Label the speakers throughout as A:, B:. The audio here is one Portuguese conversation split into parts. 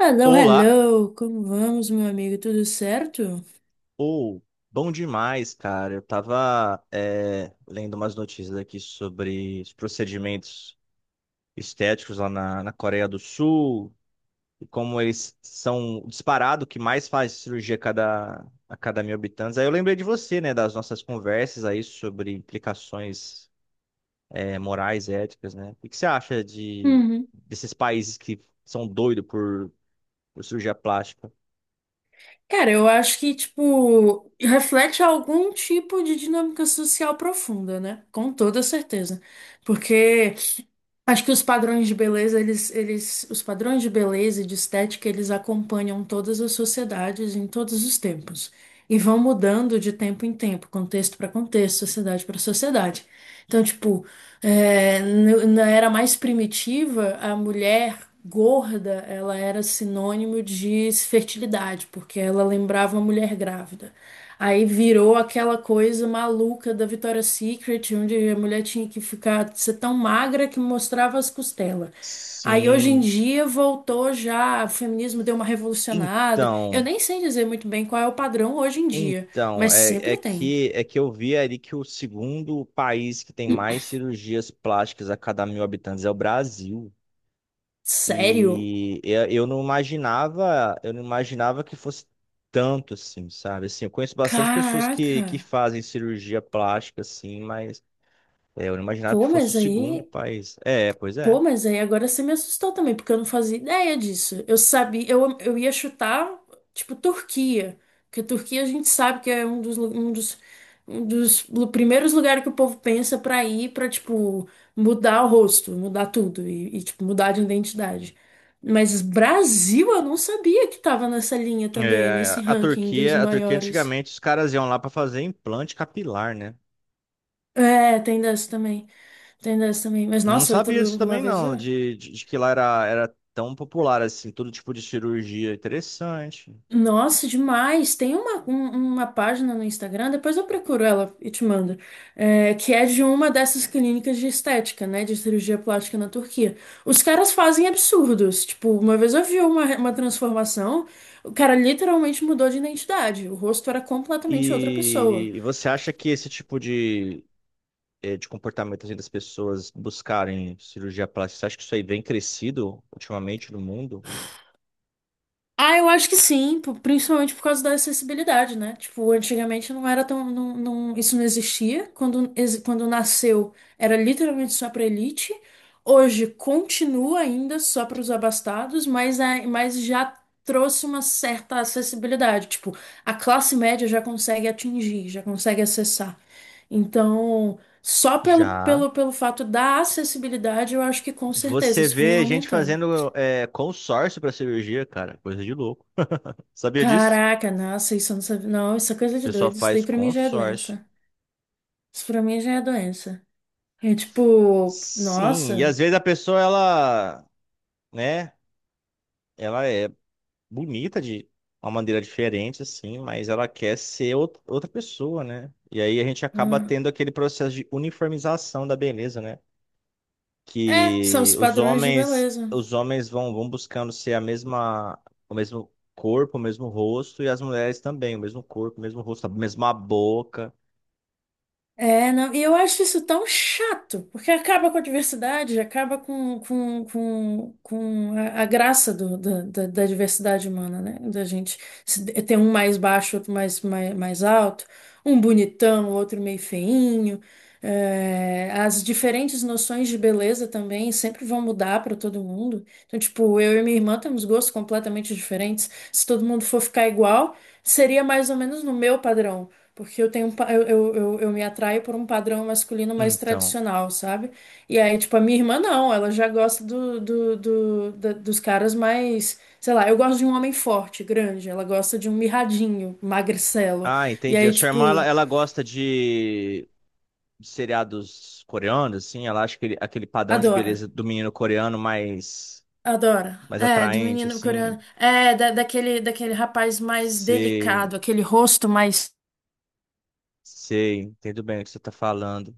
A: Hello,
B: Olá,
A: hello! Como vamos, meu amigo? Tudo certo?
B: ou bom demais, cara. Eu tava lendo umas notícias aqui sobre os procedimentos estéticos lá na Coreia do Sul e como eles são o disparado que mais faz cirurgia a cada mil habitantes. Aí eu lembrei de você, né, das nossas conversas aí sobre implicações morais, éticas, né? O que você acha de
A: Uhum.
B: desses países que são doidos por cirurgia plástica?
A: Cara, eu acho que, tipo, reflete algum tipo de dinâmica social profunda, né? Com toda certeza. Porque acho que os padrões de beleza, eles, os padrões de beleza e de estética, eles acompanham todas as sociedades em todos os tempos. E vão mudando de tempo em tempo, contexto para contexto, sociedade para sociedade. Então, tipo, é, na era mais primitiva, a mulher gorda, ela era sinônimo de fertilidade, porque ela lembrava uma mulher grávida. Aí virou aquela coisa maluca da Victoria's Secret, onde a mulher tinha que ficar, ser tão magra que mostrava as costelas. Aí hoje em
B: Sim,
A: dia voltou já, o feminismo deu uma revolucionada. Eu
B: então.
A: nem sei dizer muito bem qual é o padrão hoje em dia,
B: Então,
A: mas
B: é, é
A: sempre tem.
B: que é que eu vi ali que o segundo país que tem mais cirurgias plásticas a cada mil habitantes é o Brasil.
A: Sério?
B: E eu não imaginava, eu não imaginava que fosse tanto assim, sabe? Assim, eu conheço bastante pessoas que,
A: Caraca!
B: que fazem cirurgia plástica, assim, mas é, eu não imaginava que
A: Pô,
B: fosse o
A: mas
B: segundo
A: aí.
B: país. É, pois
A: Pô,
B: é.
A: mas aí agora você me assustou também, porque eu não fazia ideia disso. Eu sabia, eu ia chutar, tipo, Turquia. Porque Turquia a gente sabe que é um dos, um dos primeiros lugares que o povo pensa pra ir pra, tipo, mudar o rosto, mudar tudo e, tipo, mudar de identidade. Mas Brasil, eu não sabia que tava nessa linha também, nesse
B: É, a
A: ranking dos
B: Turquia
A: maiores.
B: antigamente os caras iam lá para fazer implante capilar, né?
A: É, tem dessa também. Tem dessa também. Mas
B: Eu não
A: nossa, outra,
B: sabia disso
A: uma
B: também,
A: vez
B: não,
A: eu.
B: de que lá era tão popular, assim, todo tipo de cirurgia interessante.
A: Nossa, demais! Tem uma página no Instagram, depois eu procuro ela e te mando, é, que é de uma dessas clínicas de estética, né, de cirurgia plástica na Turquia. Os caras fazem absurdos. Tipo, uma vez eu vi uma transformação, o cara literalmente mudou de identidade, o rosto era completamente outra pessoa.
B: Você acha que esse tipo de, de comportamento assim, das pessoas buscarem cirurgia plástica, você acha que isso aí vem crescido ultimamente no mundo?
A: Ah, eu acho que sim, principalmente por causa da acessibilidade, né? Tipo, antigamente não era tão, isso não existia. Quando, quando nasceu, era literalmente só para elite. Hoje continua ainda só para os abastados, mas, mas já trouxe uma certa acessibilidade. Tipo, a classe média já consegue atingir, já consegue acessar. Então, só pelo,
B: Já.
A: pelo, pelo fato da acessibilidade, eu acho que com certeza
B: Você
A: isso vem
B: vê gente
A: aumentando.
B: fazendo consórcio para cirurgia, cara, coisa de louco. Sabia disso?
A: Caraca, nossa, isso eu não sabia. Não, isso é coisa
B: O
A: de
B: pessoal
A: doido. Isso daí
B: faz
A: pra mim já é
B: consórcio.
A: doença. Isso pra mim já é doença. É tipo,
B: Sim, e
A: nossa.
B: às vezes a pessoa, ela, né? Ela é bonita de uma maneira diferente, assim, mas ela quer outra pessoa, né? E aí a gente acaba
A: Hum.
B: tendo aquele processo de uniformização da beleza, né?
A: É, são
B: Que
A: os
B: os
A: padrões de
B: homens,
A: beleza.
B: os homens vão buscando ser a mesma, o mesmo corpo, o mesmo rosto, e as mulheres também, o mesmo corpo, o mesmo rosto, a mesma boca.
A: É, não, e eu acho isso tão chato, porque acaba com a diversidade, acaba com a graça da diversidade humana, né? Da gente ter um mais baixo, outro mais alto, um bonitão, outro meio feinho. É, as diferentes noções de beleza também sempre vão mudar para todo mundo. Então, tipo, eu e minha irmã temos gostos completamente diferentes. Se todo mundo for ficar igual, seria mais ou menos no meu padrão. Porque eu tenho um pa-, eu me atraio por um padrão masculino mais
B: Então,
A: tradicional, sabe? E aí, tipo, a minha irmã não, ela já gosta dos caras mais, sei lá, eu gosto de um homem forte, grande, ela gosta de um mirradinho, magricelo.
B: ah,
A: E
B: entendi. A
A: aí,
B: sua irmã,
A: tipo,
B: ela gosta de seriados coreanos, assim, ela acha aquele padrão de
A: adora.
B: beleza do menino coreano
A: Adora.
B: mais
A: É, do
B: atraente,
A: menino
B: assim.
A: coreano. É, daquele, daquele rapaz mais
B: Sei,
A: delicado, aquele rosto mais.
B: sei, entendo bem o que você está falando.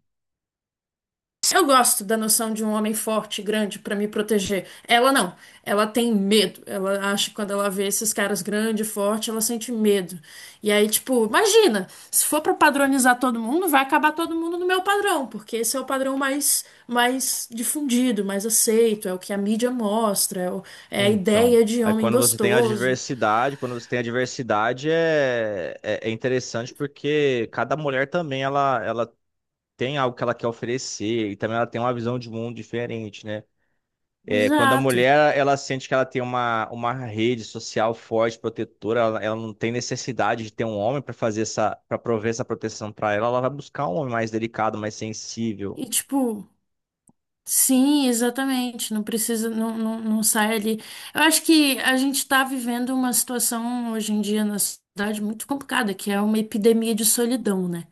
A: Eu gosto da noção de um homem forte, grande, pra me proteger. Ela não. Ela tem medo. Ela acha que quando ela vê esses caras grande, forte, ela sente medo. E aí, tipo, imagina, se for pra padronizar todo mundo, vai acabar todo mundo no meu padrão, porque esse é o padrão mais, mais difundido, mais aceito, é o que a mídia mostra, é a
B: Então,
A: ideia de
B: aí
A: homem
B: quando você tem a
A: gostoso.
B: diversidade, quando você tem a diversidade é interessante porque cada mulher também ela tem algo que ela quer oferecer e também ela tem uma visão de mundo diferente, né? É, quando a
A: Exato.
B: mulher ela sente que ela tem uma rede social forte, protetora, ela não tem necessidade de ter um homem para fazer para prover essa proteção para ela, ela vai buscar um homem mais delicado, mais sensível.
A: E tipo, sim, exatamente. Não precisa, não sai ali. Eu acho que a gente está vivendo uma situação hoje em dia na sociedade muito complicada, que é uma epidemia de solidão, né?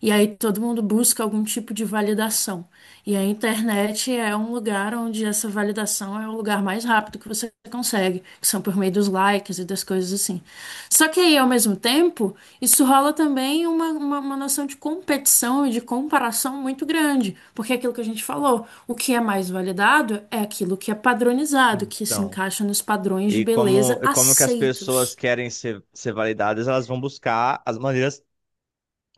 A: E aí todo mundo busca algum tipo de validação. E a internet é um lugar onde essa validação é o lugar mais rápido que você consegue, que são por meio dos likes e das coisas assim. Só que aí, ao mesmo tempo, isso rola também uma noção de competição e de comparação muito grande, porque é aquilo que a gente falou, o que é mais validado é aquilo que é padronizado, que se
B: Então.
A: encaixa nos padrões de
B: E
A: beleza
B: como que as pessoas
A: aceitos.
B: querem ser validadas, elas vão buscar as maneiras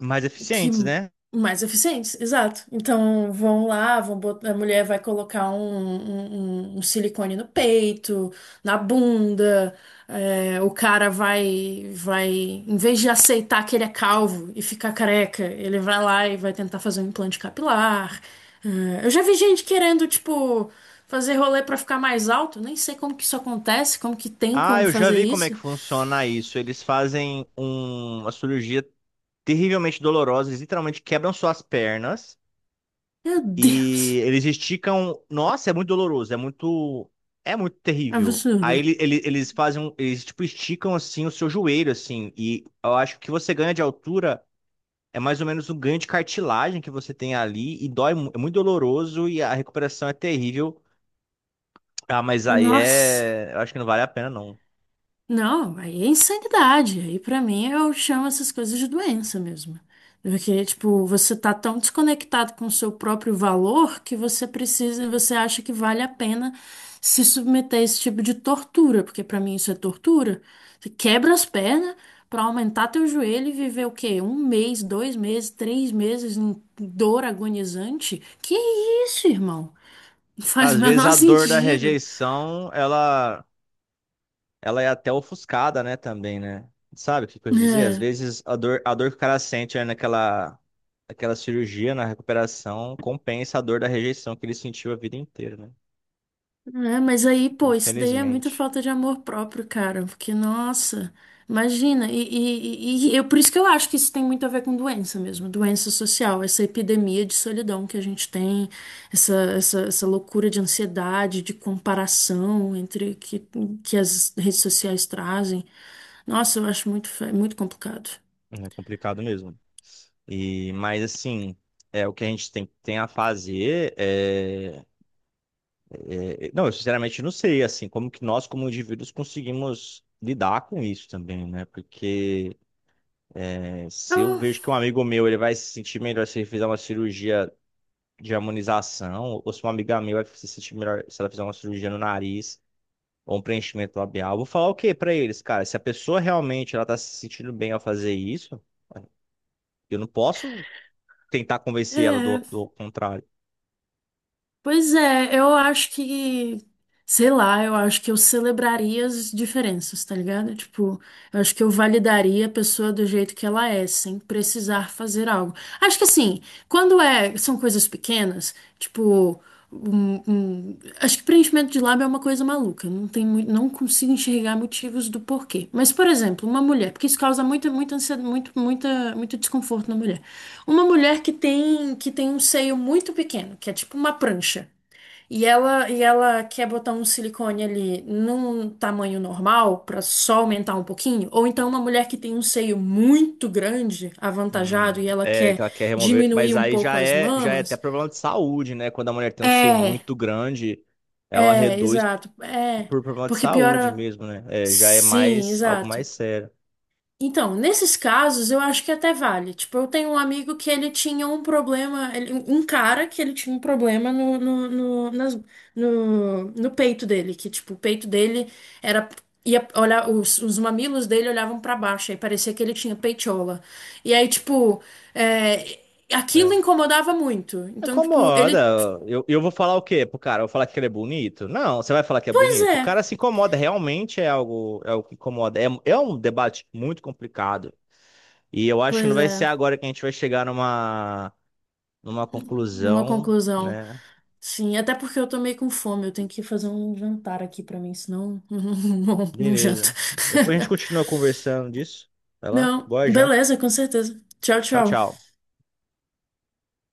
B: mais
A: Que
B: eficientes, né?
A: mais eficientes, exato. Então vão lá, a mulher vai colocar um silicone no peito, na bunda, é, o cara vai, em vez de aceitar que ele é calvo e ficar careca, ele vai lá e vai tentar fazer um implante capilar. É, eu já vi gente querendo, tipo, fazer rolê pra ficar mais alto, nem sei como que isso acontece, como que tem
B: Ah,
A: como
B: eu já
A: fazer
B: vi como é que
A: isso.
B: funciona isso. Eles fazem uma cirurgia terrivelmente dolorosa, eles literalmente quebram suas pernas
A: Meu
B: e
A: Deus,
B: eles esticam. Nossa, é muito doloroso, é muito terrível. Aí
A: absurdo.
B: eles fazem, eles tipo esticam assim o seu joelho assim, e eu acho que você ganha de altura é mais ou menos um ganho de cartilagem que você tem ali e dói, é muito doloroso e a recuperação é terrível. Ah, mas aí
A: Nossa.
B: é, eu acho que não vale a pena não.
A: Não, aí é insanidade. Aí pra mim eu chamo essas coisas de doença mesmo. Porque, tipo, você tá tão desconectado com o seu próprio valor que você precisa, você acha que vale a pena se submeter a esse tipo de tortura, porque pra mim isso é tortura. Você quebra as pernas pra aumentar teu joelho e viver o quê? Um mês, dois meses, três meses em dor agonizante? Que isso, irmão? Não faz o
B: Às vezes
A: menor
B: a dor da
A: sentido.
B: rejeição, ela é até ofuscada, né, também, né? Sabe o que eu quis dizer? Às
A: É.
B: vezes a dor que o cara sente né, naquela aquela cirurgia, na recuperação, compensa a dor da rejeição que ele sentiu a vida inteira, né?
A: É, mas aí, pô, isso daí é muita
B: Infelizmente,
A: falta de amor próprio, cara. Porque, nossa, imagina. Eu, por isso que eu acho que isso tem muito a ver com doença mesmo, doença social, essa epidemia de solidão que a gente tem, essa loucura de ansiedade, de comparação entre que as redes sociais trazem. Nossa, eu acho muito, muito complicado.
B: é complicado mesmo. E, mas assim, é o que a gente tem a fazer Não, eu sinceramente não sei, assim, como que nós, como indivíduos, conseguimos lidar com isso também, né? Porque é, se eu
A: Eu-
B: vejo que um amigo meu ele vai se sentir melhor se ele fizer uma cirurgia de harmonização, ou se uma amiga minha vai se sentir melhor se ela fizer uma cirurgia no nariz ou um preenchimento labial, eu vou falar o quê pra eles, cara? Se a pessoa realmente ela tá se sentindo bem ao fazer isso, eu não posso tentar convencer ela do
A: é,
B: do contrário.
A: pois é, eu acho que. Sei lá, eu acho que eu celebraria as diferenças, tá ligado? Tipo, eu acho que eu validaria a pessoa do jeito que ela é, sem precisar fazer algo. Acho que assim, quando é, são coisas pequenas, tipo, acho que preenchimento de lábio é uma coisa maluca, não tem, não consigo enxergar motivos do porquê. Mas, por exemplo, uma mulher, porque isso causa muita ansiedade, muito desconforto na mulher. Uma mulher que tem um seio muito pequeno, que é tipo uma prancha. E ela quer botar um silicone ali num tamanho normal pra só aumentar um pouquinho, ou então uma mulher que tem um seio muito grande, avantajado, e ela
B: É, que
A: quer
B: ela quer remover, mas
A: diminuir um
B: aí
A: pouco as
B: já é até
A: mamas.
B: problema de saúde, né? Quando a mulher tem um seio
A: É,
B: muito grande, ela reduz
A: exato, é,
B: por problema de
A: porque
B: saúde
A: piora.
B: mesmo, né? É, já é
A: Sim,
B: mais algo
A: exato.
B: mais sério.
A: Então, nesses casos, eu acho que até vale. Tipo, eu tenho um amigo que ele tinha um problema, um cara que ele tinha um problema no peito dele, que, tipo, o peito dele era. Ia olhar, os mamilos dele olhavam pra baixo, aí parecia que ele tinha peitiola. E aí, tipo, é, aquilo
B: É.
A: incomodava muito. Então, tipo,
B: Incomoda.
A: ele.
B: Eu vou falar o quê pro cara? Eu vou falar que ele é bonito? Não, você vai falar que é
A: Pois
B: bonito. O
A: é,
B: cara se incomoda, realmente é algo que incomoda. É, é um debate muito complicado. E eu acho que não
A: pois
B: vai
A: é.
B: ser agora que a gente vai chegar numa
A: Numa
B: conclusão,
A: conclusão.
B: né?
A: Sim, até porque eu tô meio com fome, eu tenho que fazer um jantar aqui pra mim, senão não, não janto.
B: Beleza. Depois a gente continua conversando disso. Vai lá.
A: Não,
B: Boa janta.
A: beleza, com certeza. Tchau,
B: Tchau,
A: tchau.
B: tchau.